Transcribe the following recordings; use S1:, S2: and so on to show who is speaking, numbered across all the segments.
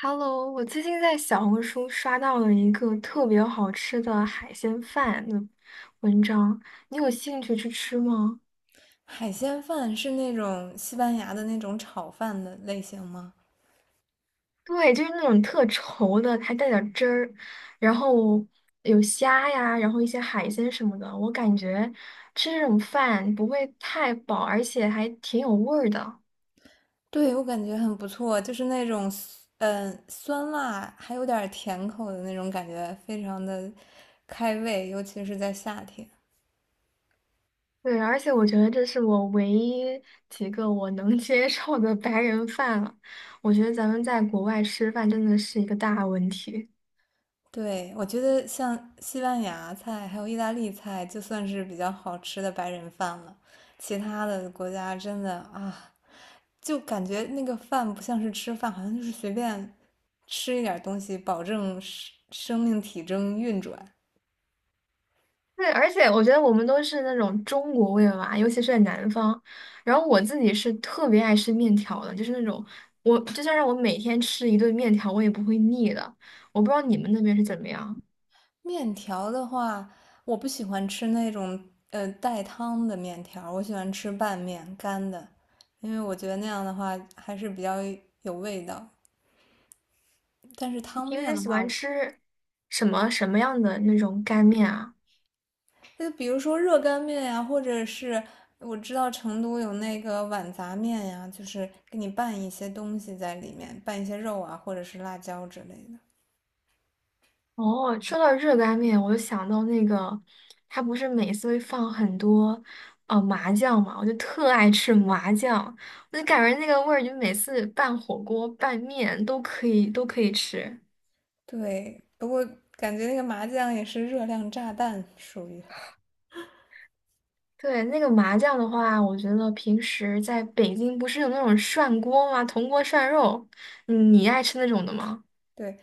S1: Hello，我最近在小红书刷到了一个特别好吃的海鲜饭的文章，你有兴趣去吃吗？
S2: 海鲜饭是那种西班牙的那种炒饭的类型吗？
S1: 对，就是那种特稠的，还带点儿汁儿，然后有虾呀，然后一些海鲜什么的。我感觉吃这种饭不会太饱，而且还挺有味儿的。
S2: 对，我感觉很不错，就是那种酸辣还有点甜口的那种感觉，非常的开胃，尤其是在夏天。
S1: 对，而且我觉得这是我唯一几个我能 接受的白人饭了。我觉得咱们在国外吃饭真的是一个大问题。
S2: 对，我觉得像西班牙菜还有意大利菜，就算是比较好吃的白人饭了。其他的国家真的啊，就感觉那个饭不像是吃饭，好像就是随便吃一点东西，保证生命体征运转。
S1: 对，而且我觉得我们都是那种中国胃吧，尤其是在南方。然后我自己是特别爱吃面条的，就是那种我就算让我每天吃一顿面条，我也不会腻的。我不知道你们那边是怎么样。
S2: 面条的话，我不喜欢吃那种带汤的面条，我喜欢吃拌面干的，因为我觉得那样的话还是比较有味道。但是
S1: 你
S2: 汤
S1: 平
S2: 面
S1: 时
S2: 的
S1: 喜欢
S2: 话，
S1: 吃什么什么样的那种干面啊？
S2: 就比如说热干面呀，或者是我知道成都有那个碗杂面呀，就是给你拌一些东西在里面，拌一些肉啊，或者是辣椒之类的。
S1: 哦，说到热干面，我就想到那个，他不是每次会放很多麻酱嘛，我就特爱吃麻酱，我就感觉那个味儿，就每次拌火锅、拌面都可以吃。
S2: 对，不过感觉那个麻酱也是热量炸弹，属于。
S1: 对，那个麻酱的话，我觉得平时在北京不是有那种涮锅吗？铜锅涮肉，你爱吃那种的吗？
S2: 对，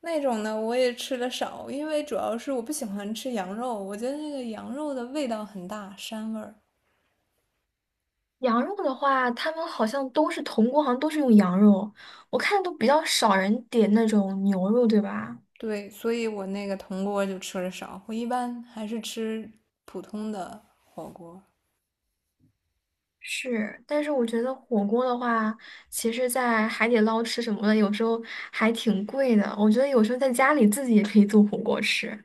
S2: 那种呢我也吃的少，因为主要是我不喜欢吃羊肉，我觉得那个羊肉的味道很大，膻味儿。
S1: 羊肉的话，他们好像都是铜锅，好像都是用羊肉，我看都比较少人点那种牛肉，对吧？
S2: 对，所以我那个铜锅就吃的少，我一般还是吃普通的火锅。
S1: 是，但是我觉得火锅的话，其实，在海底捞吃什么的，有时候还挺贵的。我觉得有时候在家里自己也可以做火锅吃。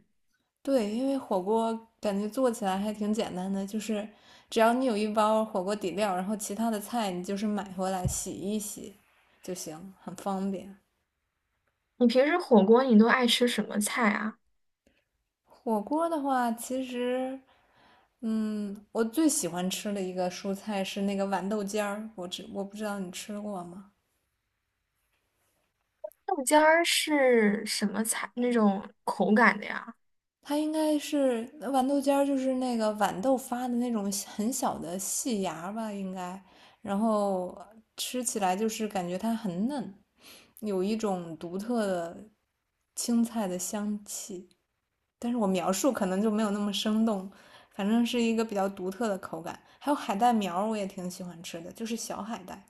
S2: 对，因为火锅感觉做起来还挺简单的，就是只要你有一包火锅底料，然后其他的菜你就是买回来洗一洗就行，很方便。
S1: 你平时火锅你都爱吃什么菜啊？
S2: 火锅的话，其实嗯，我最喜欢吃的一个蔬菜是那个豌豆尖儿，我不知道你吃过吗？
S1: 豆尖儿是什么菜？那种口感的呀？
S2: 它应该是豌豆尖儿，就是那个豌豆发的那种很小的细芽吧，应该。然后吃起来就是感觉它很嫩，有一种独特的青菜的香气。但是我描述可能就没有那么生动，反正是一个比较独特的口感。还有海带苗儿，我也挺喜欢吃的，就是小海带。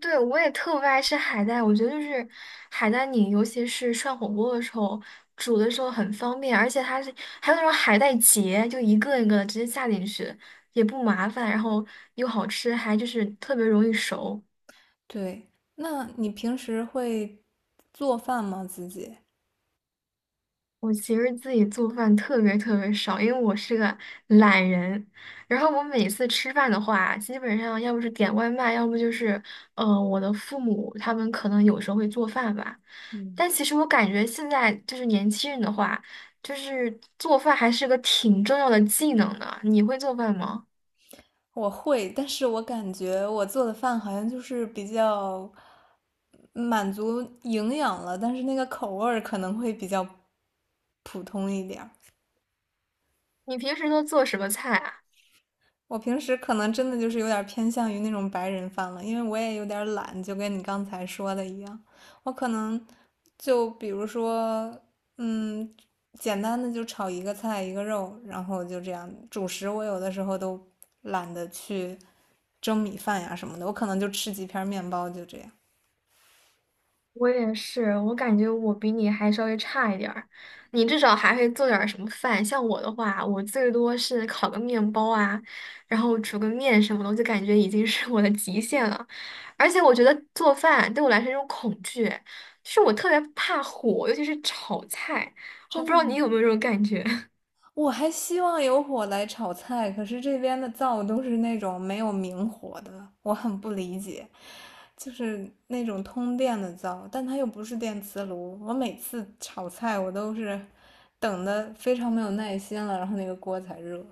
S1: 对，我也特别爱吃海带，我觉得就是海带泥，尤其是涮火锅的时候煮的时候很方便，而且它是还有那种海带结，就一个一个的直接下进去，也不麻烦，然后又好吃，还就是特别容易熟。
S2: 对，那你平时会做饭吗？自己
S1: 我其实自己做饭特别特别少，因为我是个懒人。然后我每次吃饭的话，基本上要不是点外卖，要不就是，我的父母他们可能有时候会做饭吧。但其实我感觉现在就是年轻人的话，就是做饭还是个挺重要的技能的。你会做饭吗？
S2: 我会，但是我感觉我做的饭好像就是比较满足营养了，但是那个口味儿可能会比较普通一点儿。
S1: 你平时都做什么菜啊？
S2: 我平时可能真的就是有点偏向于那种白人饭了，因为我也有点懒，就跟你刚才说的一样，我可能就比如说，嗯，简单的就炒一个菜一个肉，然后就这样。主食我有的时候都懒得去蒸米饭呀什么的，我可能就吃几片面包就这样。
S1: 我也是，我感觉我比你还稍微差一点儿，你至少还会做点儿什么饭。像我的话，我最多是烤个面包啊，然后煮个面什么的，我就感觉已经是我的极限了。而且我觉得做饭对我来说是一种恐惧，就是我特别怕火，尤其是炒菜。我不
S2: 真
S1: 知
S2: 的
S1: 道你
S2: 吗？
S1: 有没有这种感觉。
S2: 我还希望有火来炒菜，可是这边的灶都是那种没有明火的，我很不理解，就是那种通电的灶，但它又不是电磁炉。我每次炒菜，我都是等的非常没有耐心了，然后那个锅才热。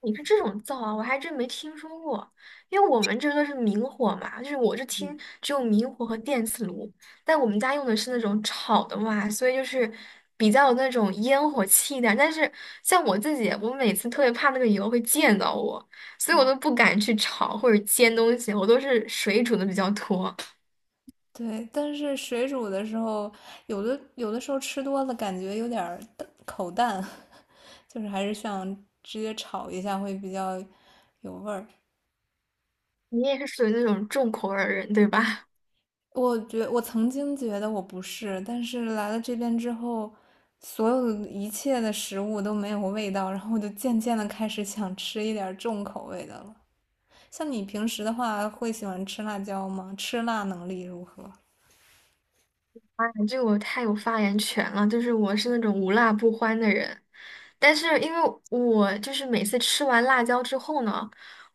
S1: 你是这种灶啊，我还真没听说过。因为我们这个是明火嘛，就是我是听只有明火和电磁炉，但我们家用的是那种炒的嘛，所以就是比较有那种烟火气一点。但是像我自己，我每次特别怕那个油会溅到我，所以我都不敢去炒或者煎东西，我都是水煮的比较多。
S2: 对，但是水煮的时候，有的时候吃多了，感觉有点口淡，就是还是想直接炒一下会比较有味儿。
S1: 你也是属于那种重口味儿的人，对吧？
S2: 我曾经觉得我不是，但是来了这边之后，所有的一切的食物都没有味道，然后我就渐渐的开始想吃一点儿重口味的了。像你平时的话，会喜欢吃辣椒吗？吃辣能力如何？
S1: 哎这个我太有发言权了，就是我是那种无辣不欢的人。但是因为我就是每次吃完辣椒之后呢，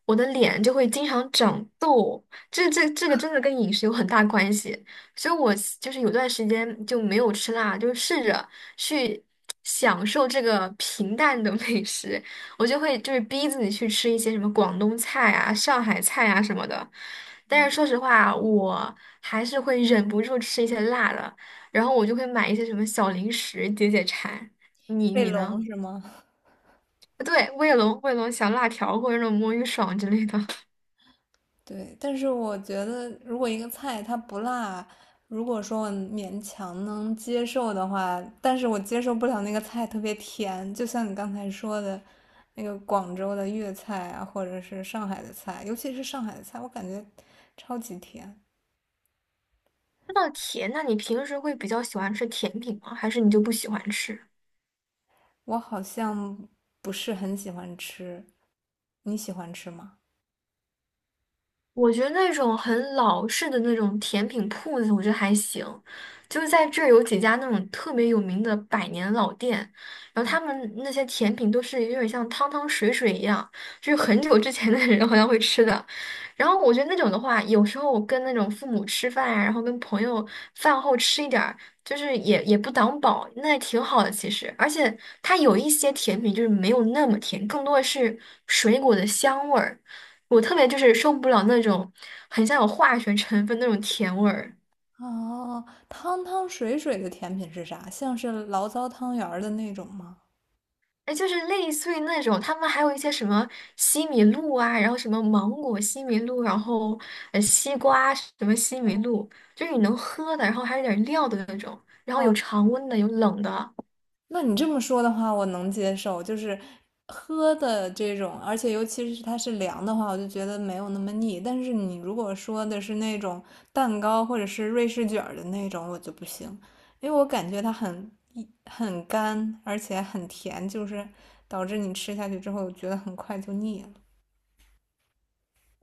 S1: 我的脸就会经常长痘，这个真的跟饮食有很大关系，所以我就是有段时间就没有吃辣，就是试着去享受这个平淡的美食，我就会就是逼自己去吃一些什么广东菜啊、上海菜啊什么的，但是说实话，我还是会忍不住吃一些辣的，然后我就会买一些什么小零食解解馋。你
S2: 卫嗯
S1: 你
S2: 龙
S1: 呢？
S2: 是吗？
S1: 对，卫龙、卫龙小辣条或者那种魔芋爽之类的。
S2: 对，但是我觉得，如果一个菜它不辣，如果说我勉强能接受的话，但是我接受不了那个菜特别甜，就像你刚才说的，那个广州的粤菜啊，或者是上海的菜，尤其是上海的菜，我感觉超级甜，
S1: 那甜，那你平时会比较喜欢吃甜品吗？还是你就不喜欢吃？
S2: 我好像不是很喜欢吃。你喜欢吃吗？
S1: 我觉得那种很老式的那种甜品铺子，我觉得还行。就是在这儿有几家那种特别有名的百年老店，然后他们那些甜品都是有点像汤汤水水一样，就是很久之前的人好像会吃的。然后我觉得那种的话，有时候我跟那种父母吃饭呀，然后跟朋友饭后吃一点儿，就是也不挡饱，那也挺好的其实。而且它有一些甜品就是没有那么甜，更多的是水果的香味儿。我特别就是受不了那种很像有化学成分那种甜味儿。
S2: 哦，汤汤水水的甜品是啥？像是醪糟汤圆儿的那种吗？
S1: 哎，就是类似于那种他们还有一些什么西米露啊，然后什么芒果西米露，然后西瓜什么西米露，就是你能喝的，然后还有点料的那种，然后有
S2: 哦。
S1: 常温的，有冷的。
S2: 那你这么说的话，我能接受，就是喝的这种，而且尤其是它是凉的话，我就觉得没有那么腻。但是你如果说的是那种蛋糕或者是瑞士卷儿的那种，我就不行，因为我感觉它很很干，而且很甜，就是导致你吃下去之后我觉得很快就腻了。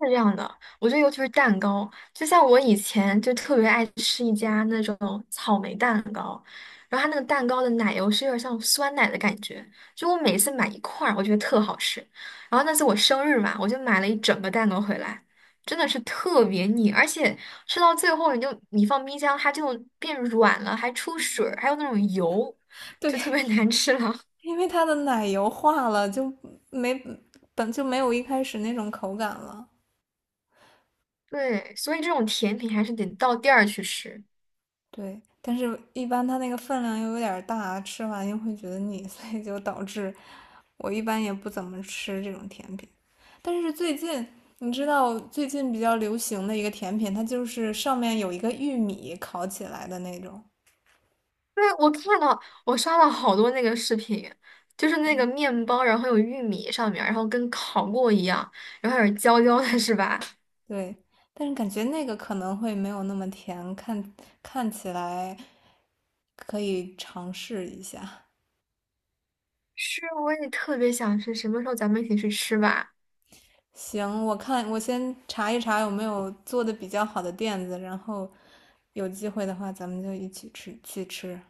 S1: 是这样的，我觉得尤其是蛋糕，就像我以前就特别爱吃一家那种草莓蛋糕，然后它那个蛋糕的奶油是有点像酸奶的感觉，就我每次买一块儿，我觉得特好吃。然后那次我生日嘛，我就买了一整个蛋糕回来，真的是特别腻，而且吃到最后你就你放冰箱它就变软了，还出水儿，还有那种油，就特
S2: 对，
S1: 别 难吃了。
S2: 因为它的奶油化了，就没本就没有一开始那种口感了。
S1: 对，所以这种甜品还是得到店儿去吃。
S2: 对，但是一般它那个分量又有点儿大，吃完又会觉得腻，所以就导致我一般也不怎么吃这种甜品。但是最近，你知道最近比较流行的一个甜品，它就是上面有一个玉米烤起来的那种，
S1: 对，我看到我刷了好多那个视频，就是那个面包，然后有玉米上面，然后跟烤过一样，然后有点焦焦的，是吧？
S2: 对。但是感觉那个可能会没有那么甜，看起来可以尝试一下。
S1: 是，我也特别想吃，什么时候咱们一起去吃吧？
S2: 行，我看我先查一查有没有做的比较好的店子，然后有机会的话咱们就一起吃去吃。